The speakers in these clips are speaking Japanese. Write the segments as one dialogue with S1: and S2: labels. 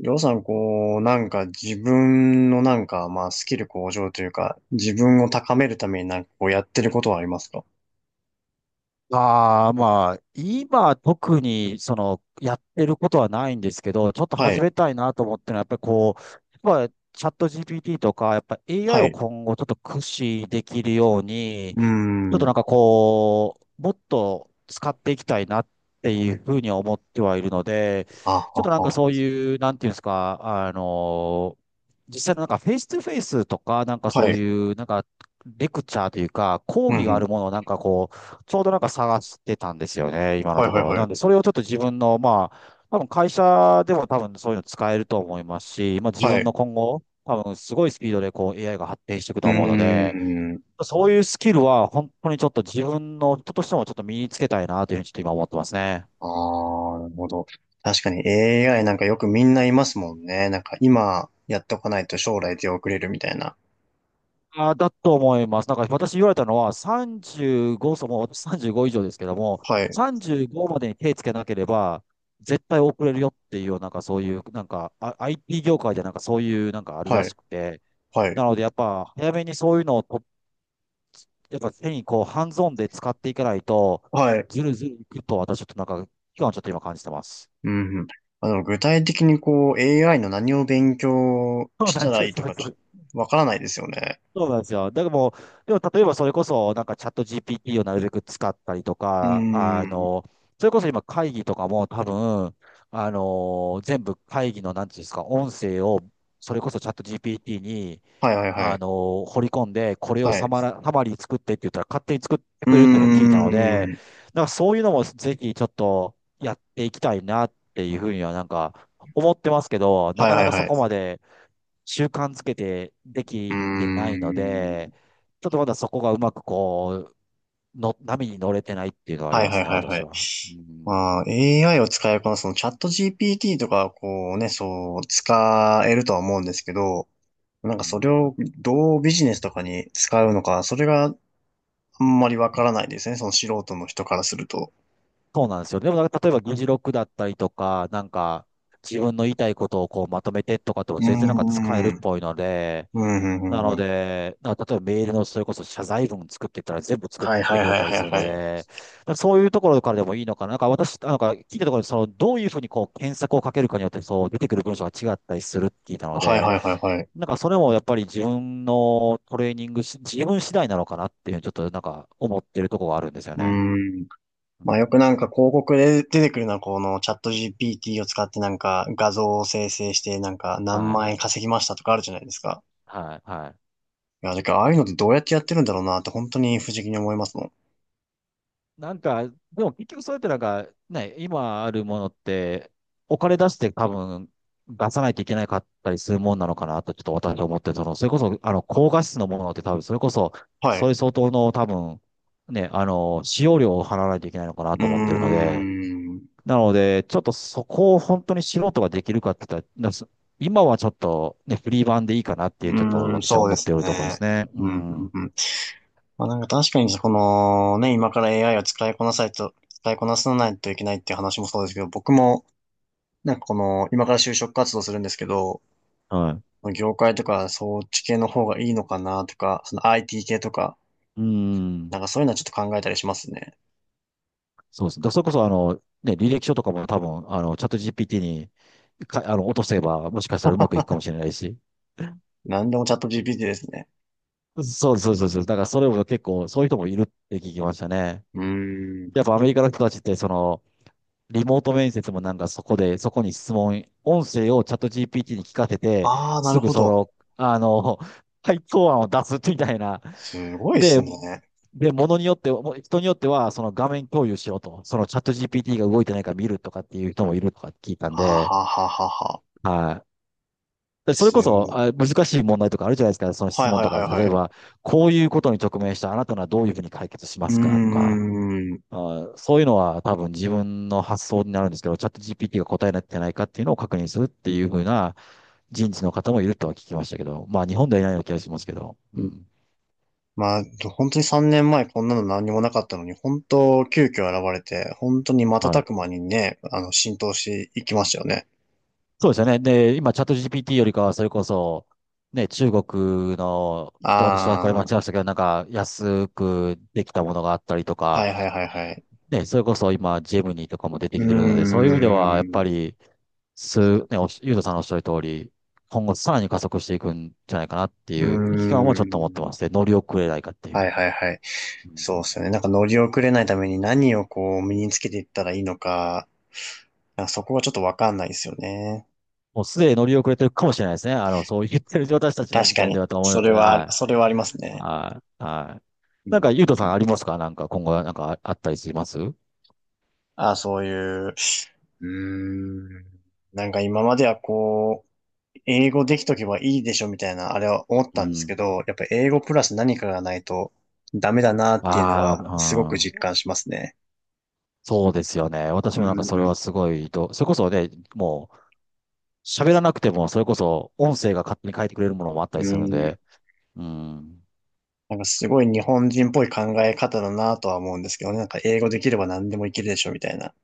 S1: りょうさん、こう、なんか自分のなんか、まあ、スキル向上というか、自分を高めるためになんかこうやってることはありますか？
S2: ああ、まあ、今特にその、やってることはないんですけど、ちょっと
S1: は
S2: 始
S1: い。
S2: めたいなと思ってるのは、やっぱりこう、やっぱチャット GPT とか、やっぱ AI
S1: は
S2: を
S1: い。
S2: 今後ちょっと駆使できるように、
S1: うー
S2: ちょっと
S1: ん。
S2: なんかこう、もっと使っていきたいなっていうふうには思ってはいるので、
S1: あ、
S2: ちょっ
S1: あ、
S2: となんか
S1: あ。
S2: そういう、なんていうんですか、あの、実際のなんかフェイストゥフェイスとか、なんかそ
S1: は
S2: う
S1: い。
S2: いう、なんかレクチャーというか、講
S1: うん、
S2: 義
S1: う
S2: があ
S1: ん。
S2: るものをなんかこう、ちょうどなんか探してたんですよね、今の
S1: はい、
S2: と
S1: はい、
S2: ころ。
S1: は
S2: なん
S1: い。
S2: で、それをちょっと自分の、まあ、多分会社でも多分そういうの使えると思いますし、まあ自
S1: はい。
S2: 分の
S1: う
S2: 今後、多分すごいスピードでこう AI が発展していくと思うの
S1: ー
S2: で、
S1: ん。
S2: そういうスキルは本当にちょっと自分の人としてもちょっと身につけたいなというふうにちょっと今思ってますね。
S1: ああ、なるほど。確かに AI なんかよくみんないますもんね。なんか今やっとかないと将来出遅れるみたいな。
S2: あー、だと思います。なんか私言われたのは35、そうもう私35以上ですけども、
S1: はい。
S2: 35までに手つけなければ絶対遅れるよっていうような、なんかそういう、なんか IT 業界でなんかそういうなんかあるら
S1: はい。
S2: しくて、
S1: はい。
S2: なのでやっぱ早めにそういうのをと、やっぱ手にこうハンズオンで使っていかないと、
S1: はい。
S2: ずるずるいくと私ちょっとなんか期間をちょっと今感じてます。
S1: うんうん。あの、具体的にこう、AI の何を勉強
S2: そう
S1: し
S2: なん
S1: た
S2: です
S1: らい
S2: よ。
S1: い
S2: そ
S1: と
S2: う
S1: か、
S2: そ
S1: ち
S2: う
S1: ょっとわからないですよね。
S2: そうなんですよ。だからもう、でも例えばそれこそ、なんかチャット GPT をなるべく使ったりと
S1: うー
S2: か、
S1: ん。
S2: それこそ今会議とかも多分、全部会議の、なんていうんですか、音声を、それこそチャット GPT に、
S1: はいはいはい。
S2: 掘り込んで、これを
S1: はい。
S2: サマリー作ってって言ったら勝手に作って
S1: うー
S2: くれるっても聞いたので、
S1: ん。
S2: なんかそういうのもぜひちょっとやっていきたいなっていうふうにはなんか思ってますけど、な
S1: はい
S2: か
S1: は
S2: な
S1: い
S2: か
S1: は
S2: そ
S1: い。
S2: こまで、習慣つけてで
S1: うー
S2: きてないの
S1: ん。
S2: で、ちょっとまだそこがうまくこう、の、波に乗れてないっていうのはあり
S1: はい
S2: ま
S1: は
S2: す
S1: い
S2: ね、
S1: はいは
S2: 私
S1: い。
S2: は。うん。
S1: まあ、AI を使えば、そのチャット GPT とか、こうね、そう、使えるとは思うんですけど、なんか
S2: う
S1: それ
S2: ん。
S1: をどうビジネスとかに使うのか、それがあんまりわからないですね。その素人の人からすると。
S2: そうなんですよ。でもなんか、例えば議事録だったりとか、なんか、自分の言いたいことをこうまとめてとかって
S1: う
S2: も
S1: ー
S2: 全然なんか使えるっ
S1: ん。
S2: ぽいので、
S1: うん、う
S2: な
S1: ん、う
S2: の
S1: ん。うん
S2: で、な例えばメールのそれこそ謝罪文作ってったら全部作っ
S1: はいは
S2: て
S1: い
S2: くれ
S1: はい
S2: たり
S1: はい
S2: する
S1: は
S2: の
S1: い。
S2: で、そういうところからでもいいのかな。なんか私、なんか聞いたところで、その、どういうふうにこう検索をかけるかによって、そう出てくる文章が違ったりするって聞いたの
S1: はい
S2: で、
S1: はいはいはい。
S2: なんかそれもやっぱり自分のトレーニングし、自分次第なのかなっていうふうにちょっとなんか思ってるところがあるんですよ
S1: うー
S2: ね。
S1: ん。
S2: う
S1: まあよく
S2: ん。
S1: なんか広告で出てくるのはこのチャット GPT を使ってなんか画像を生成してなんか何
S2: はい。
S1: 万円稼ぎましたとかあるじゃないですか。
S2: はい。はい。
S1: いや、だからああいうのってどうやってやってるんだろうなって本当に不思議に思いますもん。
S2: なんか、でも結局それってなんか、ね、今あるものって、お金出して多分出さないといけなかったりするもんなのかなと、ちょっと私は思って、その、それこそ、高画質のものって多分、それこそ、
S1: はい。
S2: そ
S1: う
S2: れ相当の多分、ね、使用料を払わないといけないのかな
S1: ー
S2: と思ってるので、
S1: ん。う
S2: なので、ちょっとそこを本当に素人ができるかって言ったら、なす今はちょっとね、フリー版でいいかなっていう、ちょっと
S1: ーん、
S2: 私は
S1: そうで
S2: 思ってい
S1: す
S2: るところで
S1: ね。
S2: すね。う
S1: うん、うん、
S2: ん。
S1: うん。まあなんか確かにこのね、今から AI を使いこなさないといけないっていう話もそうですけど、僕もなんかこの、今から就職活動するんですけど、
S2: はい。
S1: 業界とかそっち系の方がいいのかなとか、その IT 系とか、
S2: う
S1: な
S2: ん。
S1: んかそういうのはちょっと考えたりしますね。
S2: そうです。だからそれこそ、ね、履歴書とかも多分、チャット GPT にか、落とせば、もしかしたらうまくいくかもしれないし。
S1: なんでもチャット GPT ですね。
S2: そうそうそうそう。だからそれも結構、そういう人もいるって聞きましたね。
S1: うーん。
S2: やっぱアメリカの人たちって、その、リモート面接もなんかそこで、そこに質問、音声をチャット GPT に聞かせて、
S1: ああ、な
S2: す
S1: る
S2: ぐ
S1: ほ
S2: そ
S1: ど。
S2: の、あの、回答案を出すみたいな。
S1: すごいです
S2: で、
S1: ね。
S2: で、ものによっては、もう人によっては、その画面共有しろと、そのチャット GPT が動いてないか見るとかっていう人もいるとか聞いたん
S1: はあ、
S2: で、
S1: はあはあはあはあ。
S2: はい。でそれ
S1: す
S2: こ
S1: ご
S2: そ、
S1: い。
S2: あ、難しい問題とかあるじゃないですか。その
S1: は
S2: 質
S1: い
S2: 問
S1: はい
S2: とか、
S1: はい
S2: 例
S1: は
S2: え
S1: い。
S2: ば、こういうことに直面したあなたならどういうふうに解決しま
S1: うー
S2: すかとか、
S1: ん。
S2: あ、そういうのは多分自分の発想になるんですけど、チャット GPT が答えになってないかっていうのを確認するって
S1: う
S2: い
S1: ん
S2: うふうな人事の方もいるとは聞きましたけど、まあ日本ではいないような気がしますけど、う
S1: うん。
S2: ん。
S1: まあ、本当に3年前こんなの何にもなかったのに、本当急遽現れて、本当に
S2: は
S1: 瞬
S2: い。
S1: く間にね、あの、浸透していきましたよね。
S2: そうですよね。で、今チャット GPT よりかはそれこそ、ね、中国の、ちょっと私はこれ
S1: あ
S2: 間違えましたけど、なんか安くできたものがあったりと
S1: は
S2: か、
S1: いはいはいはい。
S2: ね、それこそ今、ジェムニーとかも出
S1: う
S2: て
S1: ー
S2: きてるので、そういう意味では、やっ
S1: ん。
S2: ぱ
S1: う
S2: り、す、ね、おしゆうとさんのおっしゃる通り、今後さらに加速していくんじゃないかなってい
S1: ー
S2: う危機感もちょっと持って
S1: ん。
S2: ます。で乗り遅れないかってい
S1: は
S2: う。
S1: いはいはい。
S2: う
S1: そうで
S2: ん。
S1: すよね。なんか乗り遅れないために何をこう身につけていったらいいのか、なんかそこはちょっとわかんないですよね。
S2: もうすでに乗り遅れてるかもしれないですね。あの、そう言ってる私たちの
S1: 確
S2: 時
S1: か
S2: 点で
S1: に。
S2: はと思う
S1: そ
S2: の
S1: れ
S2: で、
S1: は、
S2: は
S1: それはあります
S2: い。
S1: ね。
S2: はい。はい。
S1: う
S2: なんか、
S1: ん
S2: ゆう
S1: う
S2: とさんあ
S1: ん。
S2: りますか、なんか、今後はなんかああったりしますう。
S1: あ、そういう、うーん。なんか今まではこう、英語できとけばいいでしょみたいな、あれは思ったんです
S2: ん。
S1: けど、やっぱ英語プラス何かがないとダメだなっていうの
S2: ああ、
S1: はすごく
S2: うん。
S1: 実感しますね。
S2: そうですよね。私
S1: う
S2: もなんかそれ
S1: ん、
S2: はすごいと、それこそね、もう喋らなくても、それこそ音声が勝手に変えてくれるものもあったり
S1: う
S2: するん
S1: ん。
S2: で、うん、
S1: なんかすごい日本人っぽい考え方だなとは思うんですけどね。なんか英語できれば何でもいけるでしょみたいな。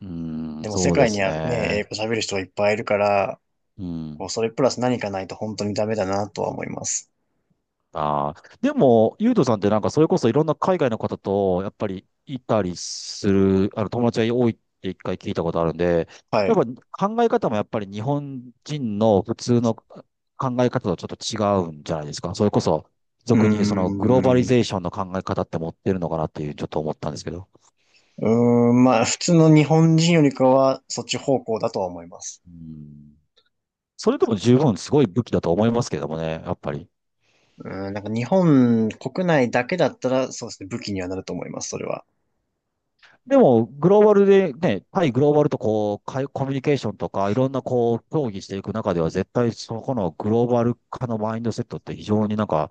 S2: うん、
S1: でも世
S2: そうで
S1: 界に
S2: す
S1: はね、
S2: ね。
S1: 英語喋る人がいっぱいいるから、
S2: う
S1: こう、
S2: ん。
S1: それプラス何かないと本当にダメだなとは思います。
S2: ああ。でも、ゆうとさんってなんか、それこそいろんな海外の方と、やっぱりいたりする、友達が多いって一回聞いたことあるんで、
S1: は
S2: やっ
S1: い。
S2: ぱ考え方もやっぱり日本人の普通の考え方とちょっと違うんじゃないですか。それこそ、
S1: うー
S2: 俗に言うそのグローバリ
S1: ん。
S2: ゼーションの考え方って持ってるのかなっていう、ちょっと思ったんですけど。
S1: うーん、まあ、普通の日本人よりかは、そっち方向だとは思います。
S2: うん。それでも十分すごい武器だと思いますけどもね、やっぱり。
S1: うーん、なんか日本国内だけだったら、そうですね、武器にはなると思います、それは。
S2: でも、グローバルでね、対グローバルとこう、かいコミュニケーションとか、いろんなこう、協議していく中では、絶対そこのグローバル化のマインドセットって非常になんか、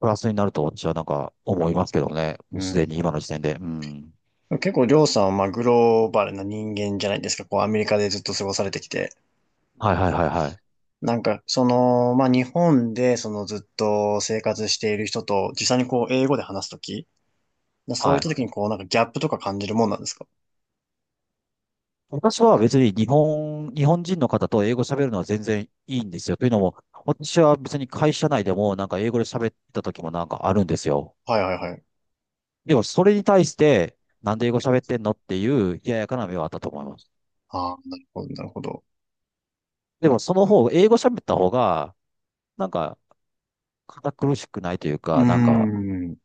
S2: プラスになると私はなんか思いますけどね、も
S1: う
S2: うす
S1: ん。
S2: でに今の時点で。うん。
S1: 結構、りょうさんは、まあ、グローバルな人間じゃないですか。こう、アメリカでずっと過ごされてきて。
S2: はいはいはいはい。
S1: なんか、その、まあ、日本で、そのずっと生活している人と、実際にこう、英語で話すとき、そう
S2: は
S1: いった
S2: い。
S1: ときにこう、なんかギャップとか感じるもんなんですか？
S2: 私は別に日本人の方と英語喋るのは全然いいんですよ。というのも、私は別に会社内でもなんか英語で喋った時もなんかあるんですよ。
S1: はいはいはい。
S2: でも、それに対して、なんで英語喋ってんのっていう冷ややかな目はあったと思います。
S1: ああ、なるほど、なるほど。
S2: で
S1: う
S2: も、その方、英語喋った方が、なんか、堅苦しくないという
S1: ー
S2: か、なんか、
S1: ん。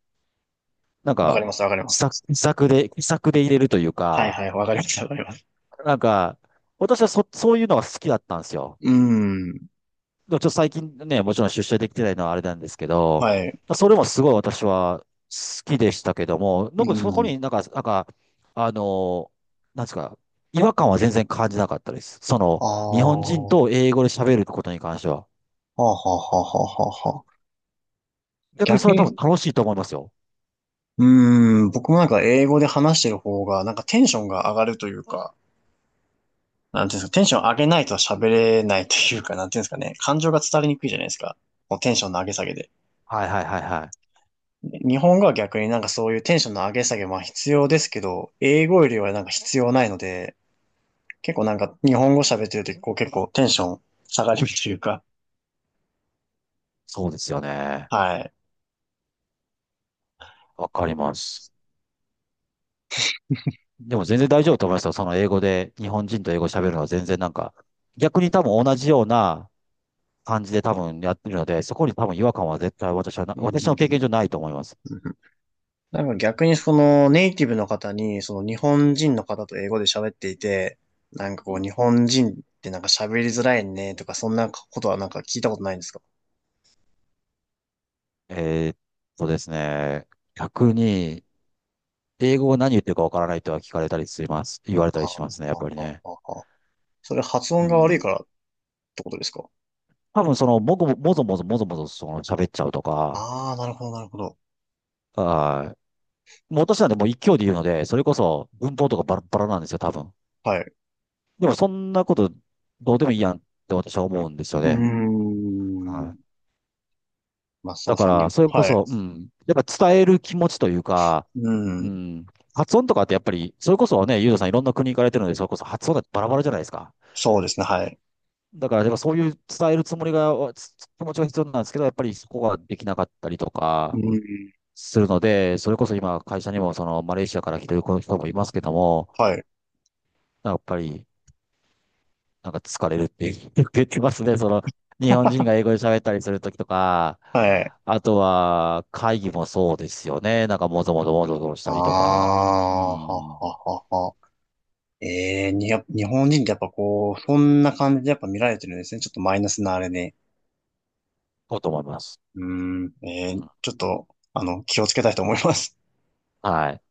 S2: なん
S1: わか
S2: か、
S1: ります、わかりま
S2: 気さ
S1: す。
S2: 気さくで、気さくで入れるという
S1: はい
S2: か、
S1: はい、わかります、わかります。
S2: なんか、私はそういうのが好きだったんですよ。
S1: うーん。
S2: でもちょっと最近ね、もちろん出社できてないのはあれなんですけど、
S1: はい。う
S2: それもすごい私は好きでしたけども、
S1: ー
S2: なんかそこ
S1: ん。
S2: になんか、なんか、あの、なんですか、違和感は全然感じなかったです。そ
S1: あ
S2: の、
S1: あ、
S2: 日本人
S1: は
S2: と英語で喋ることに関しては。
S1: あはあはあはあはあ。
S2: 逆にそ
S1: 逆
S2: れは多分
S1: に、
S2: 楽しいと思いますよ。
S1: うーん、僕もなんか英語で話してる方が、なんかテンションが上がるというか、なんていうんですか、テンション上げないと喋れないというか、なんていうんですかね、感情が伝わりにくいじゃないですか。このテンションの上げ下げで。
S2: はいはいはいはい。
S1: で日本語は逆になんかそういうテンションの上げ下げ、は必要ですけど、英語よりはなんか必要ないので、結構なんか日本語喋ってるときこう結構テンション下がるというか、
S2: そうですよ ね。
S1: はい。
S2: わかります。でも全然大丈夫だと思いますよ。その英語で、日本人と英語喋るのは全然なんか、逆に多分同じような感じで多分やってるので、そこに多分違和感は絶対私はな、
S1: うん
S2: 私
S1: う
S2: の
S1: ん
S2: 経験上ないと思います。
S1: うん。なんか逆にそのネイティブの方に、その日本人の方と英語で喋っていて、なんか
S2: う
S1: こう
S2: ん。
S1: 日本人ってなんか喋りづらいねとかそんなことはなんか聞いたことないんですか？
S2: えーっですね、逆に、英語を何言ってるかわからないとは聞かれたりします。言われた
S1: あ
S2: り
S1: あ、
S2: しますね、やっぱり
S1: あ
S2: ね。
S1: あ、ああ。それ発
S2: う
S1: 音が悪い
S2: ん。
S1: からってことですか？
S2: 多分その、もぞもぞもぞもぞその喋っちゃうとか、
S1: ああ、なるほど、なるほど。
S2: はい。もう私なんてもう一挙で言うので、それこそ文法とかバラバラなんですよ、多分。
S1: はい。
S2: でもそんなことどうでもいいやんって私は思うんですよ
S1: うー
S2: ね。は
S1: ん。
S2: い。
S1: まあ、そう
S2: だ
S1: で
S2: か
S1: す
S2: ら、
S1: ね。
S2: それこ
S1: はい。
S2: そ、うん。やっぱ伝える気持ちというか、
S1: う
S2: う
S1: ん。
S2: ん。発音とかってやっぱり、それこそね、ユーザさんいろんな国行かれてるので、それこそ発音だってバラバラじゃないですか。
S1: そうですね、はい。
S2: だから、やっぱそういう伝えるつもりが、つ気持ちが必要なんですけど、やっぱりそこができなかったりと
S1: う
S2: か
S1: ん。
S2: するので、それこそ今、会社にもそのマレーシアから来てる子の人もいますけども、
S1: はい。
S2: やっぱり、なんか疲れるって言ってますね。その、日本人 が英語で喋ったりするときとか、
S1: はい。
S2: あとは会議もそうですよね。なんかもぞもぞもぞもぞし
S1: あ
S2: たりとか、う
S1: あ、はは
S2: ん、
S1: はは。ええに、やっぱ日本人ってやっぱこう、そんな感じでやっぱ見られてるんですね。ちょっとマイナスなあれで。
S2: こうと思います。
S1: うん。ええちょっと、あの、気をつけたいと思います。
S2: はい。